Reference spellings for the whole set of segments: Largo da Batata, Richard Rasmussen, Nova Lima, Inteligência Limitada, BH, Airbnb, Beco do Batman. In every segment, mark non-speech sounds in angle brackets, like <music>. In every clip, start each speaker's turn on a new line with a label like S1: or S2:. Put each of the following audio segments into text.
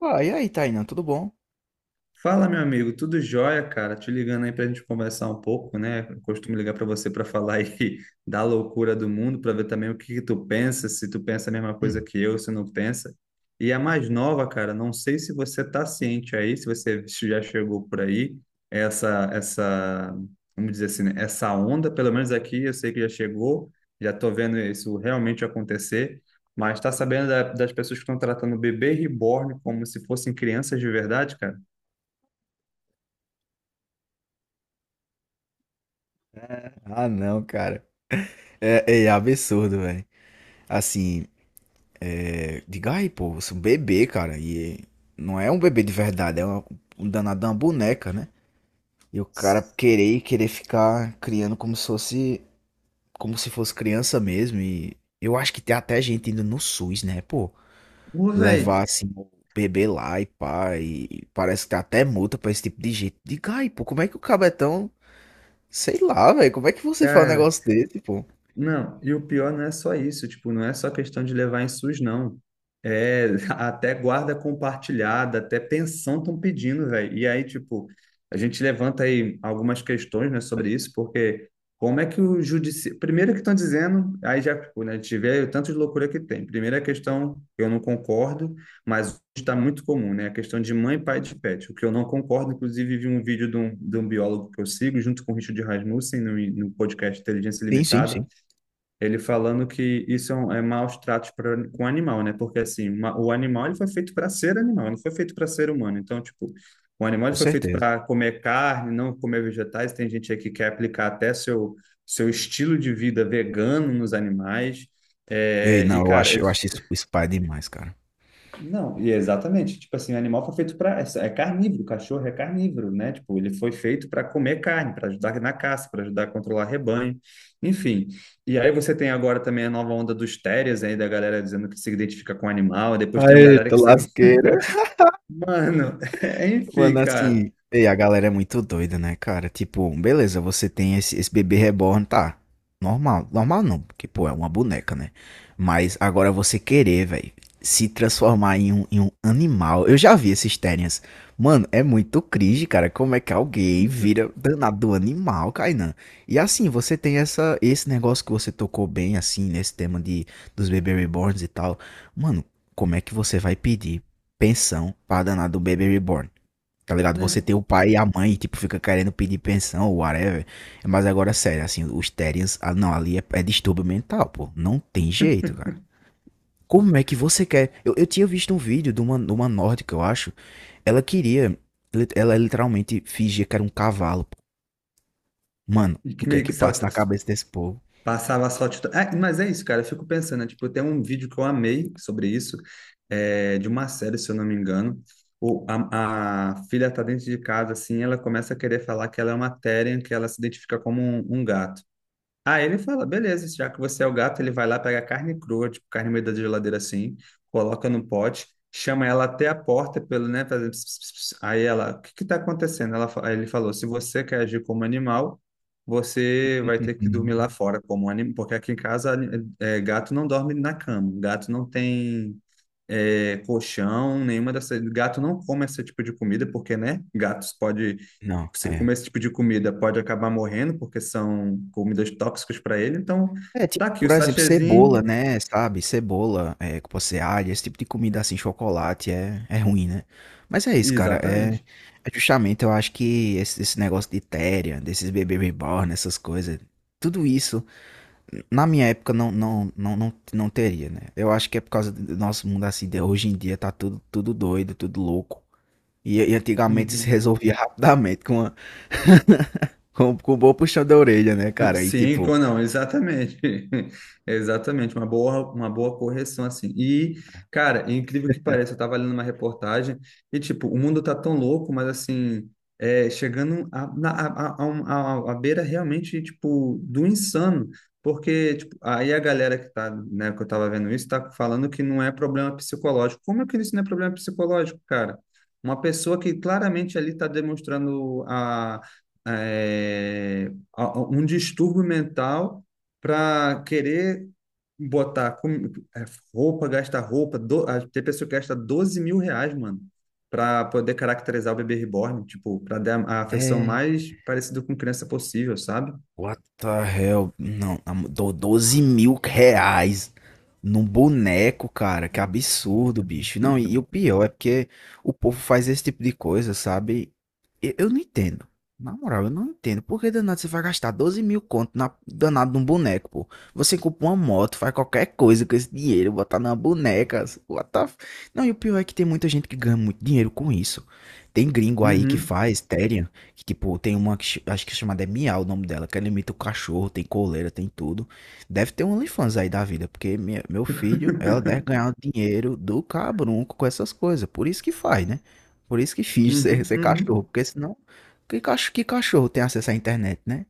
S1: Pô, e aí, Tainan, tudo bom?
S2: Fala, meu amigo, tudo jóia, cara? Te ligando aí pra gente conversar um pouco, né? Eu costumo ligar pra você pra falar aí <laughs> da loucura do mundo, pra ver também o que que tu pensa, se tu pensa a mesma coisa
S1: Hum.
S2: que eu, se não pensa. E a mais nova, cara, não sei se você tá ciente aí, se você já chegou por aí, essa, essa, vamos dizer assim, né? Essa onda, pelo menos aqui, eu sei que já chegou, já tô vendo isso realmente acontecer. Mas tá sabendo das pessoas que estão tratando o bebê reborn como se fossem crianças de verdade, cara?
S1: Ah, não, cara. É absurdo, velho. Assim, diga aí, pô, você é um bebê, cara. E não é um bebê de verdade, um danado de uma boneca, né? E o cara querer e querer ficar criando como se fosse criança mesmo. E eu acho que tem até gente indo no SUS, né, pô?
S2: Ô,
S1: Levar
S2: velho,
S1: assim o bebê lá e pá. E parece que tem até multa pra esse tipo de gente. Diga aí, pô, como é que o cabetão sei lá, velho, como é que você fala um
S2: cara.
S1: negócio desse, pô?
S2: Não, e o pior não é só isso, tipo, não é só questão de levar em SUS, não. É <laughs> até guarda compartilhada, até pensão estão pedindo, velho. E aí, tipo, a gente levanta aí algumas questões, né, sobre isso, porque como é que o judiciário. Primeiro que estão dizendo, aí já, tipo, né, a gente vê o tanto de loucura que tem. Primeira questão, eu não concordo, mas está muito comum, né? A questão de mãe, pai de pet, o que eu não concordo. Inclusive, vi um vídeo de um biólogo que eu sigo, junto com o Richard Rasmussen, no podcast Inteligência
S1: Sim, sim,
S2: Limitada,
S1: sim.
S2: ele falando que isso é, um, é maus tratos pra, com animal, né? Porque assim, o animal ele foi feito para ser animal, não foi feito para ser humano. Então, tipo, o animal
S1: Com
S2: ele foi feito
S1: certeza.
S2: para comer carne, não comer vegetais. Tem gente aí que quer aplicar até seu estilo de vida vegano nos animais.
S1: E aí,
S2: É,
S1: não,
S2: e, cara,
S1: eu
S2: eles
S1: acho isso, isso pai demais, cara.
S2: não, e é exatamente. Tipo assim, o animal foi feito para. É carnívoro, o cachorro é carnívoro, né? Tipo, ele foi feito para comer carne, para ajudar na caça, para ajudar a controlar rebanho, enfim. E aí você tem agora também a nova onda dos terriers aí, da galera dizendo que se identifica com animal, e depois tem a galera
S1: Tô
S2: que se.
S1: lasqueiro.
S2: Mano, <laughs> enfim,
S1: Mano,
S2: cara,
S1: assim, ei, a galera é muito doida, né, cara? Tipo, beleza, você tem esse bebê reborn, tá? Normal, normal não, porque, pô, é uma boneca, né? Mas agora você querer, velho, se transformar em em um animal. Eu já vi esses tênis. Mano, é muito cringe, cara. Como é que alguém vira danado animal, Kainan? E assim, você tem esse negócio que você tocou bem, assim, nesse tema de, dos bebê reborns e tal. Mano, como é que você vai pedir pensão pra danado bebê reborn? Tá ligado?
S2: né?
S1: Você tem o pai e a mãe, tipo, fica querendo pedir pensão ou whatever. Mas agora, sério, assim, os Terians. Não, ali é distúrbio mental, pô. Não tem jeito, cara. Como é que você quer? Eu tinha visto um vídeo de de uma nórdica, eu acho. Ela queria. Ela literalmente fingia que era um cavalo, pô. Mano,
S2: E
S1: o
S2: que
S1: que é
S2: meio
S1: que
S2: que
S1: passa na cabeça desse povo?
S2: passava só tudo. Ah, mas é isso, cara. Eu fico pensando, né? Tipo, tem um vídeo que eu amei sobre isso, é, de uma série, se eu não me engano. A filha tá dentro de casa, assim, ela começa a querer falar que ela é uma Therian, que ela se identifica como um gato. Aí ele fala, beleza, já que você é o gato, ele vai lá, pegar carne crua, tipo, carne no meio da geladeira assim, coloca no pote, chama ela até a porta pelo, né, fazendo... ps, ps, ps. Aí ela, o que que tá acontecendo? Ela, aí ele falou, se você quer agir como animal, você vai ter que dormir lá
S1: <laughs>
S2: fora como animal, porque aqui em casa é, gato não dorme na cama, gato não tem é, colchão, nenhuma dessas... Gato não come esse tipo de comida, porque, né, gatos pode
S1: Não,
S2: se
S1: é.
S2: comer esse tipo de comida, pode acabar morrendo, porque são comidas tóxicas para ele. Então,
S1: É,
S2: tá
S1: tipo,
S2: aqui o
S1: por exemplo, cebola,
S2: sachêzinho.
S1: né? Sabe? Cebola, é, que pode ser alho, esse tipo de comida assim, chocolate, é ruim, né? Mas é isso, cara. É,
S2: Exatamente.
S1: é justamente, eu acho que esse negócio de téria, desses bebê reborn, essas coisas, tudo isso, na minha época, não teria, né? Eu acho que é por causa do nosso mundo assim, de hoje em dia tá tudo, tudo doido, tudo louco. E antigamente se
S2: Uhum.
S1: resolvia <laughs> rapidamente com um bom puxão da orelha, né, cara? E tipo.
S2: Não, exatamente. <laughs> Exatamente, uma boa correção assim. E, cara, é incrível que pareça, eu tava lendo uma reportagem e, tipo, o mundo tá tão louco, mas assim, é, chegando a, na, a, um- a beira realmente, tipo, do insano. Porque, tipo, aí a galera que tá, né, que eu tava vendo isso, tá falando que não é problema psicológico. Como é que isso não é problema psicológico, cara? Uma pessoa que claramente ali tá demonstrando a. eh, um distúrbio mental para querer botar com- é, roupa, gastar roupa. Tem pessoa que gasta 12 mil reais, mano, para poder caracterizar o bebê reborn, tipo, para dar a afeição
S1: É,
S2: mais parecida com criança possível, sabe?
S1: what the hell? Não, na mo- dou 12 mil reais num boneco, cara. Que absurdo, bicho. Não, e o pior é porque o povo faz esse tipo de coisa, sabe? Eu não entendo. Na moral, eu não entendo. Por que danado você vai gastar 12 mil conto na danado num boneco, pô? Você compra uma moto, faz qualquer coisa com esse dinheiro, botar numa boneca. What the... f- Não, e o pior é que tem muita gente que ganha muito dinheiro com isso. Tem gringo aí que
S2: Uhum.
S1: faz, Terian. Que, tipo, tem uma que acho que é chamada é Miau o nome dela, que ela imita o cachorro, tem coleira, tem tudo. Deve ter um OnlyFans aí da vida, porque meu filho, ela deve ganhar
S2: <laughs>
S1: o dinheiro do cabrunco com essas coisas. Por isso que faz, né? Por isso que finge
S2: Uhum,
S1: ser cachorro,
S2: uhum.
S1: porque senão. Que, que cachorro tem acesso à internet, né?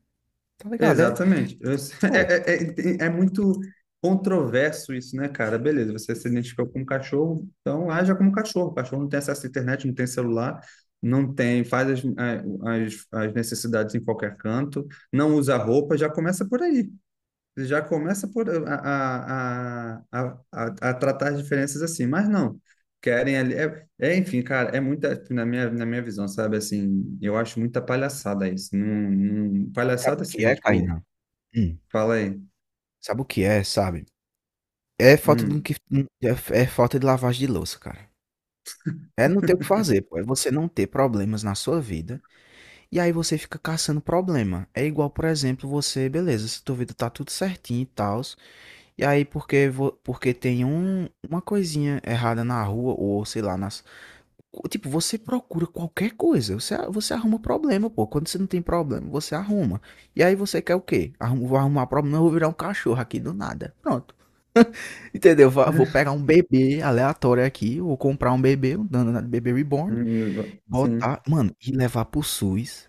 S1: Tá ligado? É.
S2: Exatamente. <laughs>
S1: Pô,
S2: É, é, é, é muito controverso isso, né, cara? Beleza, você se identificou como cachorro, então haja como cachorro. O cachorro não tem acesso à internet, não tem celular, não tem, faz as necessidades em qualquer canto, não usa roupa, já começa por aí. Já começa por a tratar as diferenças assim, mas não. Querem ali. É, é, enfim, cara, é muita, na minha visão, sabe? Assim, eu acho muita palhaçada isso. Não,
S1: sabe
S2: palhaçada
S1: o que
S2: assim, né?
S1: é,
S2: Tipo,
S1: Kainan? Hum,
S2: falei.
S1: sabe o que é, sabe? É falta de,
S2: Hum.
S1: é, é falta de lavagem de louça, cara. É não ter o que fazer, pô. É você não ter problemas na sua vida. E aí você fica caçando problema. É igual, por exemplo, você, beleza, se tua vida tá tudo certinho e tal, e aí porque, porque tem um, uma coisinha errada na rua, ou sei lá, nas. Tipo, você procura qualquer coisa, você arruma problema, pô. Quando você não tem problema, você arruma. E aí você quer o quê? Arrum, vou arrumar problema, eu vou virar um cachorro aqui do nada. Pronto. Entendeu? Vou
S2: <laughs>
S1: pegar um bebê aleatório aqui, vou comprar um bebê, um danado de bebê reborn,
S2: Sim.
S1: botar, mano, e levar pro SUS,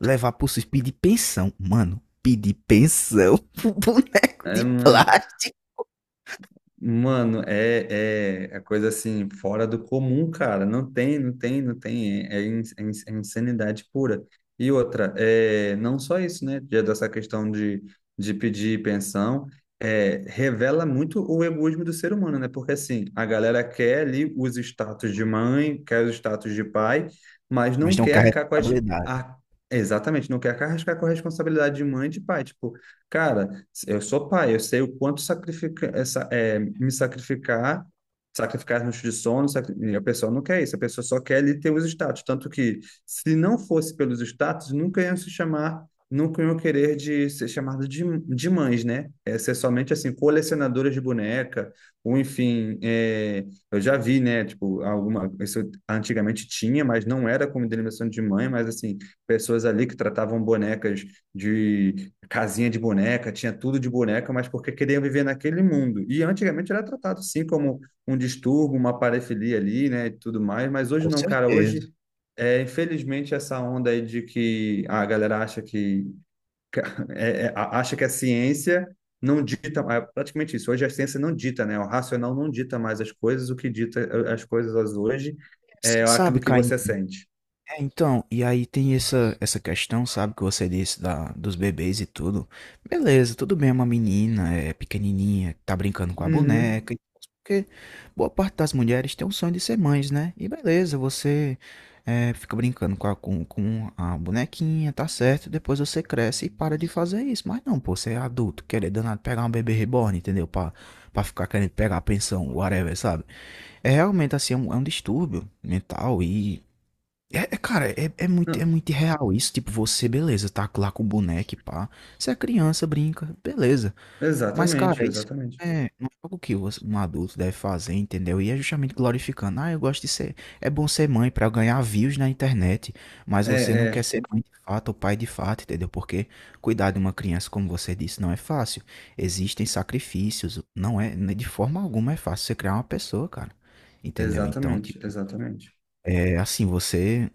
S1: levar pro SUS, pedir pensão. Mano, pedir pensão <laughs> pro boneco
S2: É
S1: de
S2: mano.
S1: plástico.
S2: Mano, é, é, é coisa assim, fora do comum, cara. Não tem, não tem, não tem. É, é insanidade pura. E outra, é, não só isso, né? Já dessa questão de pedir pensão, é, revela muito o egoísmo do ser humano, né? Porque assim, a galera quer ali os status de mãe, quer os status de pai, mas
S1: Mas
S2: não
S1: não
S2: quer
S1: quer
S2: arcar com as.
S1: responsabilidade.
S2: A, exatamente, não quer arcar com a responsabilidade de mãe e de pai. Tipo, cara. Eu sou pai, eu sei o quanto sacrifica, essa, é, me sacrificar, sacrificar as noites de sono, e a pessoa não quer isso, a pessoa só quer ali ter os status. Tanto que, se não fosse pelos status, nunca iam se chamar, nunca iam querer de ser chamado de mães, né? É ser somente, assim, colecionadoras de boneca, ou enfim, é, eu já vi, né, tipo, alguma, isso antigamente tinha, mas não era como denominação de mãe, mas, assim, pessoas ali que tratavam bonecas de casinha de boneca, tinha tudo de boneca, mas porque queriam viver naquele mundo. E antigamente era tratado assim como um distúrbio, uma parafilia ali, né, e tudo mais, mas hoje
S1: Com
S2: não, cara,
S1: certeza.
S2: hoje é, infelizmente essa onda aí de que a galera acha que é, é, acha que a ciência não dita, é praticamente isso. Hoje a ciência não dita, né? O racional não dita mais as coisas, o que dita as coisas hoje
S1: Assim,
S2: é
S1: sabe,
S2: aquilo que
S1: Caim?
S2: você sente.
S1: É, então, e aí tem essa questão, sabe, que você disse da, dos bebês e tudo. Beleza, tudo bem, é uma menina, é pequenininha, tá brincando com a
S2: Uhum.
S1: boneca, porque boa parte das mulheres tem o sonho de ser mães, né? E beleza, você é, fica brincando com com a bonequinha, tá certo, depois você cresce e para de fazer isso. Mas não, pô, você é adulto, querer danado pegar um bebê reborn, entendeu? Pra ficar querendo pegar a pensão, whatever, sabe? É realmente assim, é um distúrbio mental e é
S2: Não,
S1: muito real isso. Tipo, você, beleza, tá lá com o boneco, e pá. Você é criança, brinca, beleza. Mas, cara,
S2: exatamente,
S1: isso
S2: exatamente.
S1: é, não é algo que um adulto deve fazer, entendeu? E é justamente glorificando. Ah, eu gosto de ser. É bom ser mãe pra ganhar views na internet. Mas você não
S2: É,
S1: quer
S2: é,
S1: ser mãe de fato ou pai de fato, entendeu? Porque cuidar de uma criança, como você disse, não é fácil. Existem sacrifícios. Não é, né, de forma alguma é fácil você criar uma pessoa, cara. Entendeu? Então,
S2: exatamente,
S1: tipo,
S2: exatamente.
S1: é assim, você.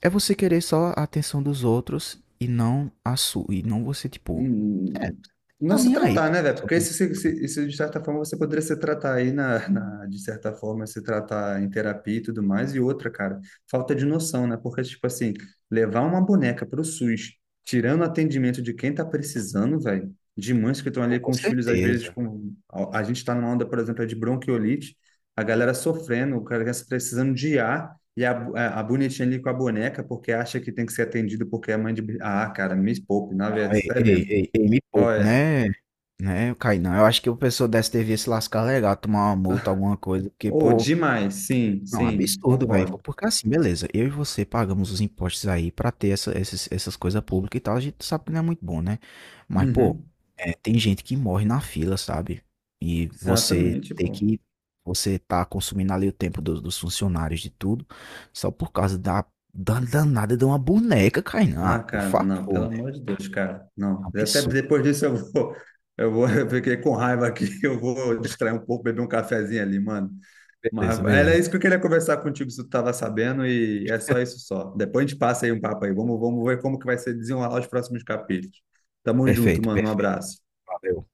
S1: É você querer só a atenção dos outros e não a sua e não você, tipo é,
S2: Hum, não
S1: tá
S2: se
S1: nem aí
S2: tratar,
S1: pra
S2: né, velho?
S1: atenção
S2: Porque
S1: dos
S2: isso,
S1: outros.
S2: isso, de certa forma, você poderia se tratar aí, de certa forma, se tratar em terapia e tudo mais. E outra, cara, falta de noção, né? Porque, tipo assim, levar uma boneca pro SUS, tirando o atendimento de quem tá precisando, velho, de mães que estão
S1: Pô,
S2: ali
S1: com
S2: com os filhos, às vezes,
S1: certeza.
S2: com... A, a gente tá numa onda, por exemplo, é de bronquiolite, a galera sofrendo, o cara tá precisando de ar. E a bonitinha ali com a boneca, porque acha que tem que ser atendido porque é mãe de. Ah, cara, me poupe, na
S1: Não,
S2: verdade,
S1: ei,
S2: sério
S1: ei,
S2: mesmo.
S1: ei, ei, me poupe,
S2: Olha,
S1: né, Kainan. Eu acho que o pessoal dessa devia se lascar legal, tomar uma multa, alguma coisa, porque,
S2: oh,
S1: pô.
S2: demais, sim,
S1: Não,
S2: sim,
S1: absurdo, velho.
S2: concordo.
S1: Porque assim, beleza, eu e você pagamos os impostos aí pra ter essas coisas públicas e tal, a gente sabe que não é muito bom, né? Mas, pô,
S2: Uhum,
S1: é, tem gente que morre na fila, sabe? E você
S2: exatamente,
S1: ter
S2: pô.
S1: que. Você tá consumindo ali o tempo dos funcionários de tudo, só por causa da, da danada de uma boneca, Kainá. Ah,
S2: Ah,
S1: por
S2: cara, não, pelo
S1: favor, né?
S2: amor de Deus, cara, não. Até
S1: Absurdo,
S2: depois
S1: cara.
S2: disso <laughs> eu fiquei com raiva aqui, <laughs> eu vou distrair um pouco, beber um cafezinho ali, mano.
S1: Beleza,
S2: Mas era
S1: beleza.
S2: isso que eu queria conversar contigo, se tu tava sabendo, e é só isso só. Depois a gente passa aí um papo aí, vamos, vamos ver como que vai ser desenrolar os próximos capítulos. Tamo junto,
S1: Perfeito,
S2: mano, um
S1: perfeito.
S2: abraço.
S1: Valeu.